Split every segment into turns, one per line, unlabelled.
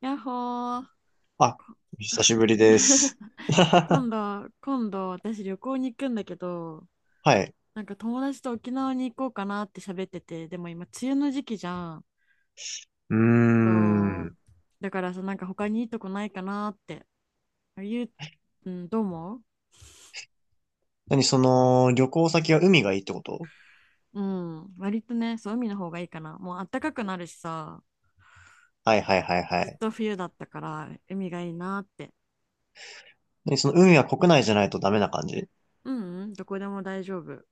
やっほー。
あ、お久しぶりです。
今度私旅行に行くんだけど、
はい。
なんか友達と沖縄に行こうかなって喋ってて、でも今梅雨の時期じゃん。
うー
そ
ん。
う。だからさ、なんか他にいいとこないかなって。ゆう、うん、どう思う？
何、その、旅行先は海がいいってこと？
うん。割とね、そう、海の方がいいかな。もう暖かくなるしさ、
はいはいはいは
ずっ
い。
と冬だったから、海がいいなって。
何、その海は国内じゃないとダメな感じ？
うん、うん、どこでも大丈夫。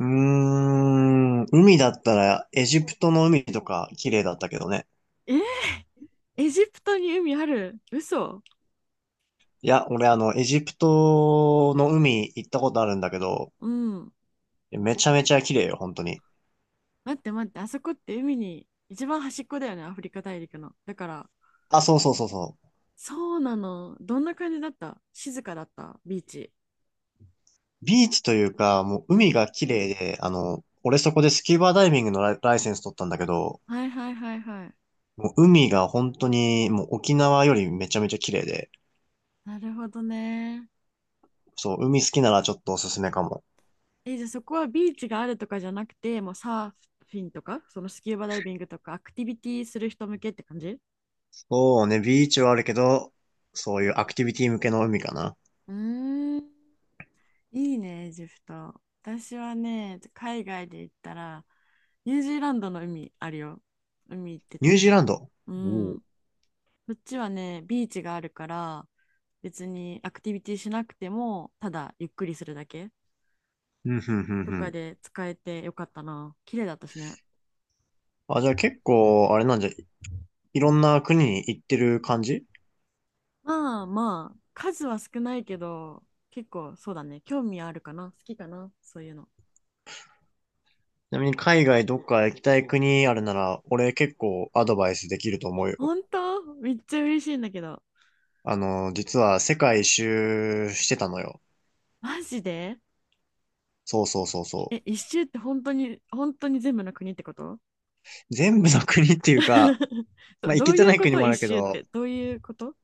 うーん。海だったら、エジプトの海とか綺麗だったけどね。
えー、エジプトに海ある？嘘？
いや、俺あの、エジプトの海行ったことあるんだけど、
うん。
めちゃめちゃ綺麗よ、本当に。
待って待って、あそこって海に一番端っこだよね、アフリカ大陸の。だから、
あ、そうそうそうそう。
そうなの。どんな感じだった？静かだった、ビーチ？
ビーチというか、も
う
う海
ん。
が綺麗で、あの、俺そこでスキューバダイビングのライセンス取ったんだけど、
はいはいはいはい。
もう海が本当に、もう沖縄よりめちゃめちゃ綺麗で、
なるほどね。
そう、海好きならちょっとおすすめかも。
え、じゃあそこはビーチがあるとかじゃなくて、もうサーフィンとか、そのスキューバダイビングとか、アクティビティする人向けって感じ？
そうね、ビーチはあるけど、そういうアクティビティ向けの海かな。
うーん、いいね、エジプト。私はね、海外で行ったら、ニュージーランドの海あるよ。海行って
ニュージー
た。
ランド。
う
おう
ん。こっちはね、ビーチがあるから、別にアクティビティしなくても、ただゆっくりするだけ
うん、うんう
と
んう
か
ん。
で使えてよかったな。綺麗だったしね。
あ、じゃあ結構、あれなんじゃ、いろんな国に行ってる感じ？ち
まあまあ、数は少ないけど、結構そうだね。興味あるかな？好きかな？そういうの。
なみに海外どっか行きたい国あるなら、俺結構アドバイスできると思うよ。
本当めっちゃ嬉しいんだけど。
あの、実は世界一周してたのよ。
マジで？
そうそうそうそ
え、一周って本当に、本当に全部の国ってこと？
う。全部の国っていうか、
ど、
まあ行
ど
け
う
て
い
な
う
い
こ
国
と
もあ
一
るけ
周っ
ど、
て？どういうこと？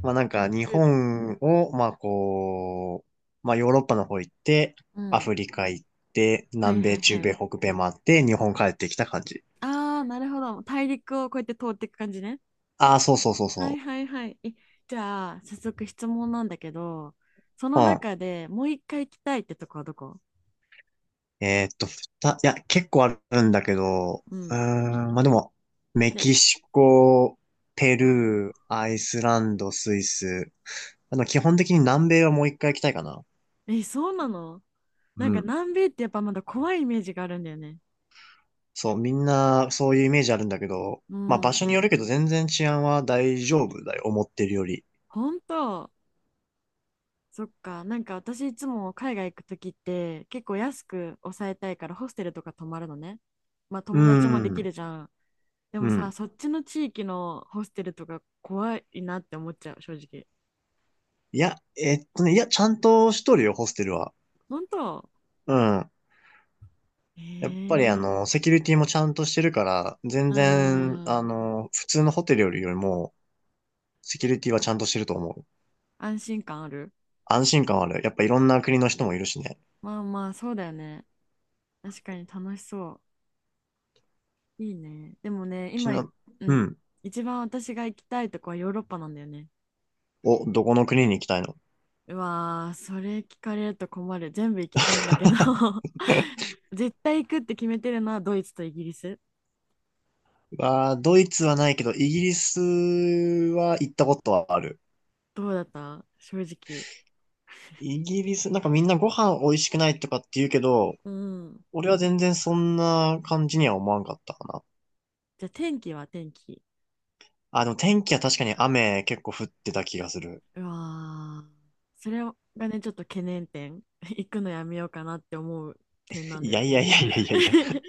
まあなんか日本を、まあこう、まあヨーロッパの方行って、
う
ア
ん。
フリカ行って、
はい
南
は
米、
いは
中
い。
米、北米回って、日本帰ってきた感じ。
ああ、なるほど。大陸をこうやって通っていく感じね。
ああ、そうそうそう
はい
そ
はいはい。え、じゃあ、早速質問なんだけど、その
う。うん。
中でもう一回行きたいってとこはどこ？
いや、結構あるんだけど、
う
うー
ん。
ん、まあでも、メ
じゃ
キシコ、ペ
あ、
ルー、
あ
アイスランド、スイス。あの、基本的に南米はもう一回行きたいかな。
ー、え、そうなの？な
う
んか
ん。
南米ってやっぱまだ怖いイメージがあるんだよね。
そう、みんなそういうイメージあるんだけど、
う
まあ場
ん。
所によるけど全然治安は大丈夫だよ、思ってるより。
本当？そっか。なんか私いつも海外行くときって結構安く抑えたいからホステルとか泊まるのね。まあ
う
友達もでき
ん、
るじゃん。で
う
もさ、
ん。
そっちの地域のホステルとか怖いなって思っちゃう、正直。
いや、いや、ちゃんとしとるよ、ホステルは。
本当？
うん。やっぱりあ
ええ？
の、セキュリティもちゃんとしてるから、全
うー
然、あ
ん。
の、普通のホテルよりも、セキュリティはちゃんとしてると思う。
安心感ある？
安心感はある。やっぱいろんな国の人もいるしね。
まあまあ、そうだよね。確かに楽しそう。いいね。でもね、
ちな、
う
う
ん。
ん。
一番私が行きたいとこはヨーロッパなんだよね。
お、どこの国に行きたいの？
うわー、それ聞かれると困る。全部行きたいんだけど 絶対行くって決めてるのはドイツとイギリス。
わあドイツはないけど、イギリスは行ったことはある。
どうだった、正直？
イギリス、なんかみんなご飯美味しくないとかって言うけど、
うん。
俺は全然そんな感じには思わんかったかな。
じゃあ天気は？天気？
あ、でも天気は確かに雨結構降ってた気がする。
うわー、それがね、ちょっと懸念点。行くのやめようかなって思う点なん
い
だよ
やい
ね。
やいやいやいやいや。い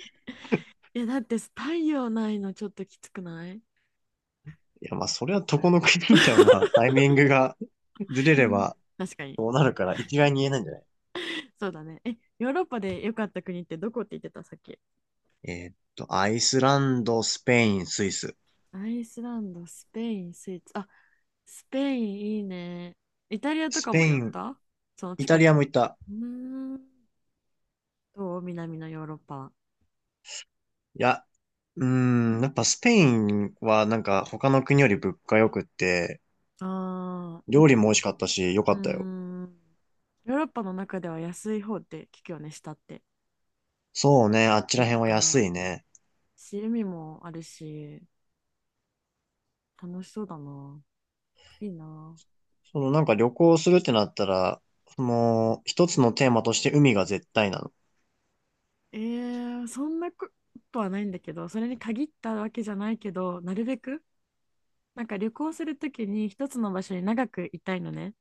いや、だって太陽ないのちょっときつくない？
やまあそれはどこの国でもまあタイミングがずれ
う
れ
ん、
ば
確かに。
どうなるから一概に言えないんじゃない？
そうだね。え、ヨーロッパで良かった国ってどこって言ってた、さっき？
アイスランド、スペイン、スイス。
アイスランド、スペイン、スイーツ。あ、スペインいいね。イタリアと
ス
か
ペ
も寄
イ
っ
ン、
た？その
イタ
近
リ
く
ア
の。
も行った。
うーん。どう、南のヨーロッパは？
いや、うーん、やっぱスペインはなんか他の国より物価良くって、
ああ、
料理も美味しかったし良か
うー
ったよ。
ん。ヨーロッパの中では安い方って聞くよね、下って。
そうね、あっちら
て
辺は安
か、
いね。
趣味もあるし、楽しそうだな。いいな。
そのなんか旅行するってなったら、その一つのテーマとして海が絶対なの？
えー、そんなことはないんだけど、それに限ったわけじゃないけど、なるべく、なんか旅行するときに一つの場所に長くいたいのね。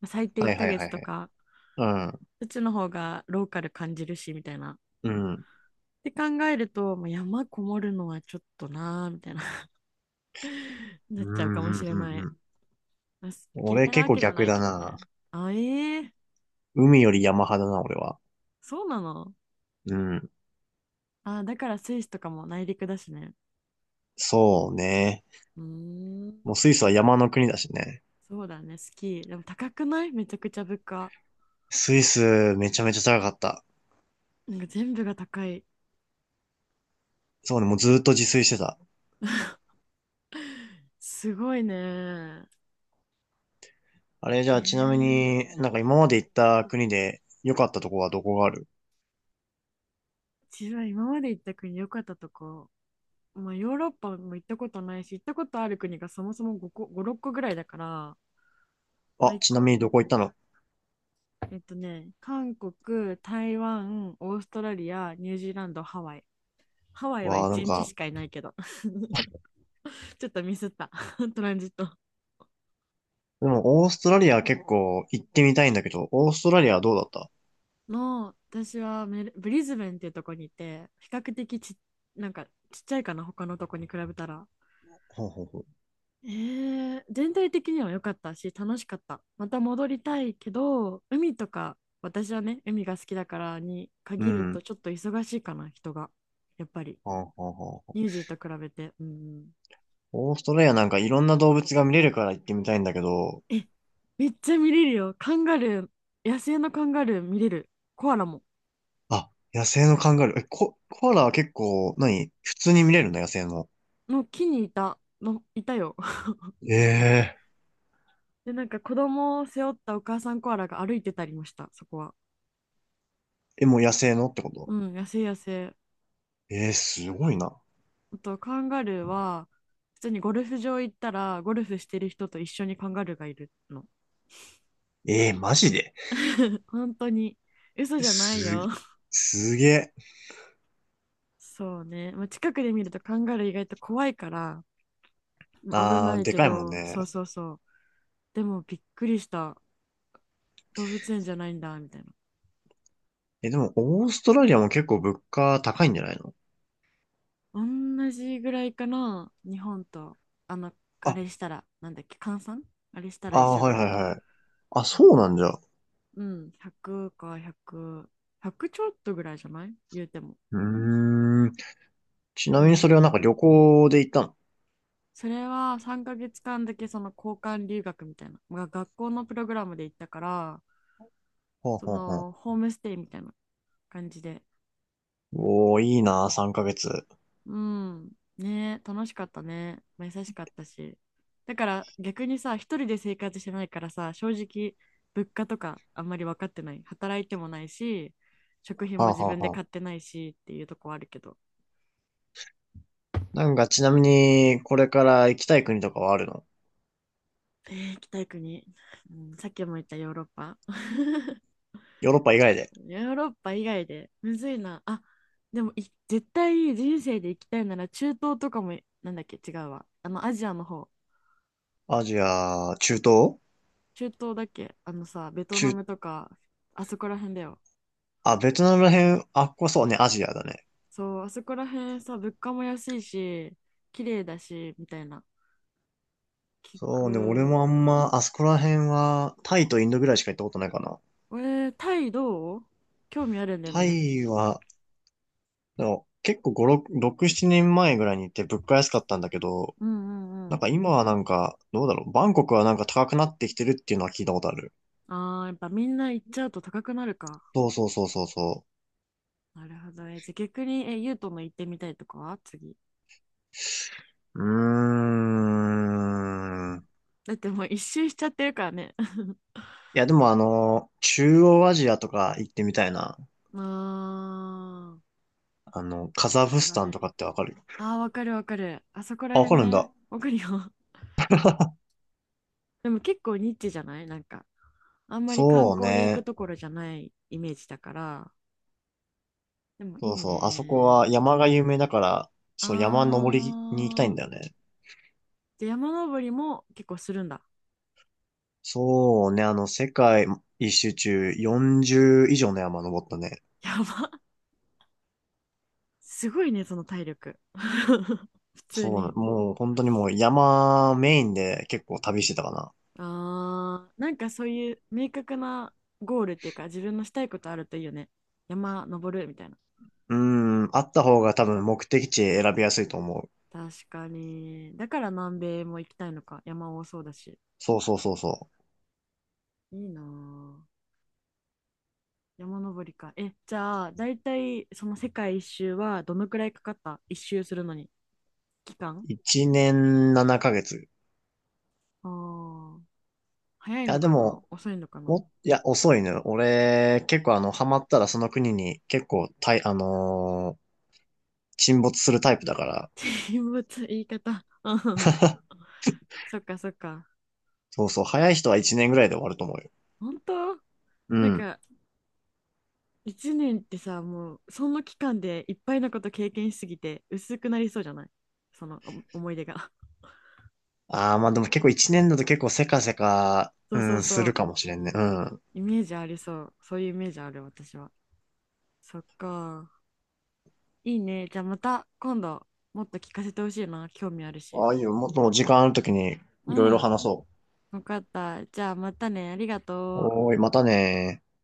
まあ最低
は
1
いはい
ヶ
は
月
い
と
はい。
か、
う
うちの方がローカル感じるし、みたいな。
ん、うん。
って考えると、もう山こもるのはちょっとなーみたいな な
う
っちゃう
ん、
か
う
も
ん、
し
う
れ
ん。
な
う
い。
ん
あす嫌い
俺
な
結
わ
構
けじゃな
逆
い
だ
けどね。
な。
あ、ええ？
海より山派だな、俺は。
そうなの？
うん。
あ、だからスイスとかも内陸だしね。
そうね。
うーん、
もうスイスは山の国だしね。
そうだね、スキー。でも高くない？めちゃくちゃ物価。
スイスめちゃめちゃ高かった。
なんか全部が高い。
そうね、もうずーっと自炊してた。
すごいね。
あれじゃあちなみ
ええ？
になんか今まで行った国で良かったとこはどこがある？
自分は今まで行った国、良かったとこ。まあ、ヨーロッパも行ったことないし、行ったことある国がそもそも5個、5、6個ぐらいだから、まあ、
あ、
1
ちな
個、
みにどこ行ったの？
韓国、台湾、オーストラリア、ニュージーランド、ハワイ。ハワイは
わあ、なん
1日
か
しかいないけど ちょっとミスった トランジット
でも、オーストラリア結構行ってみたいんだけど、オーストラリアはどうだった？
の、私はメルブリズベンっていうとこにいて、比較的なんかちっちゃいかな、他のとこに比べたら。
ほうほうほ
えー、全体的には良かったし、楽しかった。また戻りたいけど、海とか、私はね、海が好きだから、に
う。う
限ると
ん。
ちょっと忙しいかな、人がやっぱり。
はあはあはあ。
ニュージーと比べて。うん。
オーストラリアなんかいろんな動物が見れるから行ってみたいんだけど、
え、めっちゃ見れるよ、カンガルー。野生のカンガルー見れる。コアラも、
あ、野生のカンガルー。え、コアラは結構、何普通に見れるの野生の？
の木にいた、いたよ。
ええー。
で、なんか子供を背負ったお母さんコアラが歩いてたりました、そこは。
え、もう野生のってこ
う
と？
ん、野生野生。
ええーすごいな。
あと、カンガルーは、普通にゴルフ場行ったら、ゴルフしてる人と一緒にカンガルーがいるの。
ええーマジで？
本当に。嘘じゃない
す
よ。
げ、すげえ。
そうね。まあ、近くで見るとカンガルー意外と怖いから、危
あ
な
ー、
い
で
け
かいもん
ど、
ね。
そうそうそう。でもびっくりした。動物園じゃないんだ、みたいな。
え、でも、オーストラリアも結構物価高いんじゃないの？
同じぐらいかな、日本と。あの、あ
あ、
れしたら、なんだっけ、換算あれしたら一
あー、
緒
は
ぐ
いは
ら
い
い。
はい。あ、そうなんじゃ。
うん、100か100、100ちょっとぐらいじゃない言うても。
うーん。ちな
う
みにそれはなんか
ん。
旅行で行ったの？
それは3ヶ月間だけその交換留学みたいな、が学校のプログラムで行ったから、
ほう
そ
ほうほう。
のホームステイみたいな感じで。
おー、いいな、3ヶ月。は
うん。ねえ、楽しかったね。まあ優しかったし。だから逆にさ、一人で生活してないからさ、正直、物価とかあんまり分かってない。働いてもないし、食品
あ
も
は
自
あ
分で
は
買っ
あ。
てないしっていうとこはあるけど。
なんかちなみに、これから行きたい国とかはあるの？
えー、行きたい国、うん、さっきも言ったヨーロッパ。
ヨーロッパ以外で。
ヨーロッパ以外で、むずいな。あ、でも絶対人生で行きたいなら中東とかも、なんだっけ、違うわ。アジアの方。
アジア、中東
中東だっけ？あのさ、ベトナ
中、
ムとか、あそこら辺だよ。
あ、ベトナムら辺、あっこそうね、アジアだね。
そう、あそこら辺さ、物価も安いし、綺麗だし、みたいな。聞
そうね、俺
く。
もあんま、あそこら辺は、タイとインドぐらいしか行ったことないかな。
えー、タイどう？興味あるんだよ
タ
ね。
イは、でも結構5、6、7年前ぐらいに行って物価安かったんだけど、
うんうんう
なん
ん。
か今はなんか、どうだろう。バンコクはなんか高くなってきてるっていうのは聞いたことある。
ああ、やっぱみんな行っちゃうと高くなるか。
そうそうそうそうそ
なるほど。え、じゃあ逆に、ユートの行ってみたいとかは？次。
う。うーん。
だってもう一周しちゃってるからね。
いや、でもあの、中央アジアとか行ってみたいな。
ああ、
あの、カザ
ど
フ
こ
ス
ら
タン
辺？
とかってわかる？
ああ、わかるわかる。あそこら
あ、わか
辺
るん
ね。
だ。
わかるよ。でも結構ニッチじゃない？なんか、あんまり観
そう
光で行く
ね。
ところじゃないイメージだから、でもい
そ
い
うそう。あそこ
ね。
は山が有名だから、そう、山登りに行きたいん
あ
だ
ー。
よね。
で、山登りも結構するんだ？
そうね。あの、世界一周中40以上の山登ったね。
やば。すごいね、その体力。普通
そうな、
に。
もう本当にもう山メインで結構旅してたかな。
あー。なんかそういう明確なゴールっていうか、自分のしたいことあるといいよね。山登るみたいな。
うーん、あった方が多分目的地選びやすいと思う。
確かに。だから南米も行きたいのか。山多そうだし。
そうそうそうそ
いいなぁ。山登りか。え、じゃあ、だいたいその世界一周はどのくらいかかった？一周するのに。期間？
う。1年7ヶ月。い
ああー。早いの
や、で
かな？
も、
遅いのかな？
いや、遅いね。俺、結構あの、ハマったらその国に結構、沈没するタイプだから。
人物言い方 そっかそっか。
そうそう、早い人は1年ぐらいで終わると思うよ。
本当？
う
なん
ん。
か1年ってさ、もうその期間でいっぱいのこと経験しすぎて薄くなりそうじゃない？その思い出が
ああ、まあでも結構1年だと結構せかせか、
そ
う
うそう
ん、す
そ
る
う。
かもしれんね。うん。
イメージありそう。そういうイメージある私は。そっか。いいね。じゃあまた今度もっと聞かせてほしいな。興味あるし。
ああいう、もっと時間あるときに
う
いろいろ
ん。
話そう。
わかった。じゃあまたね。ありがとう。
おーい、またねー。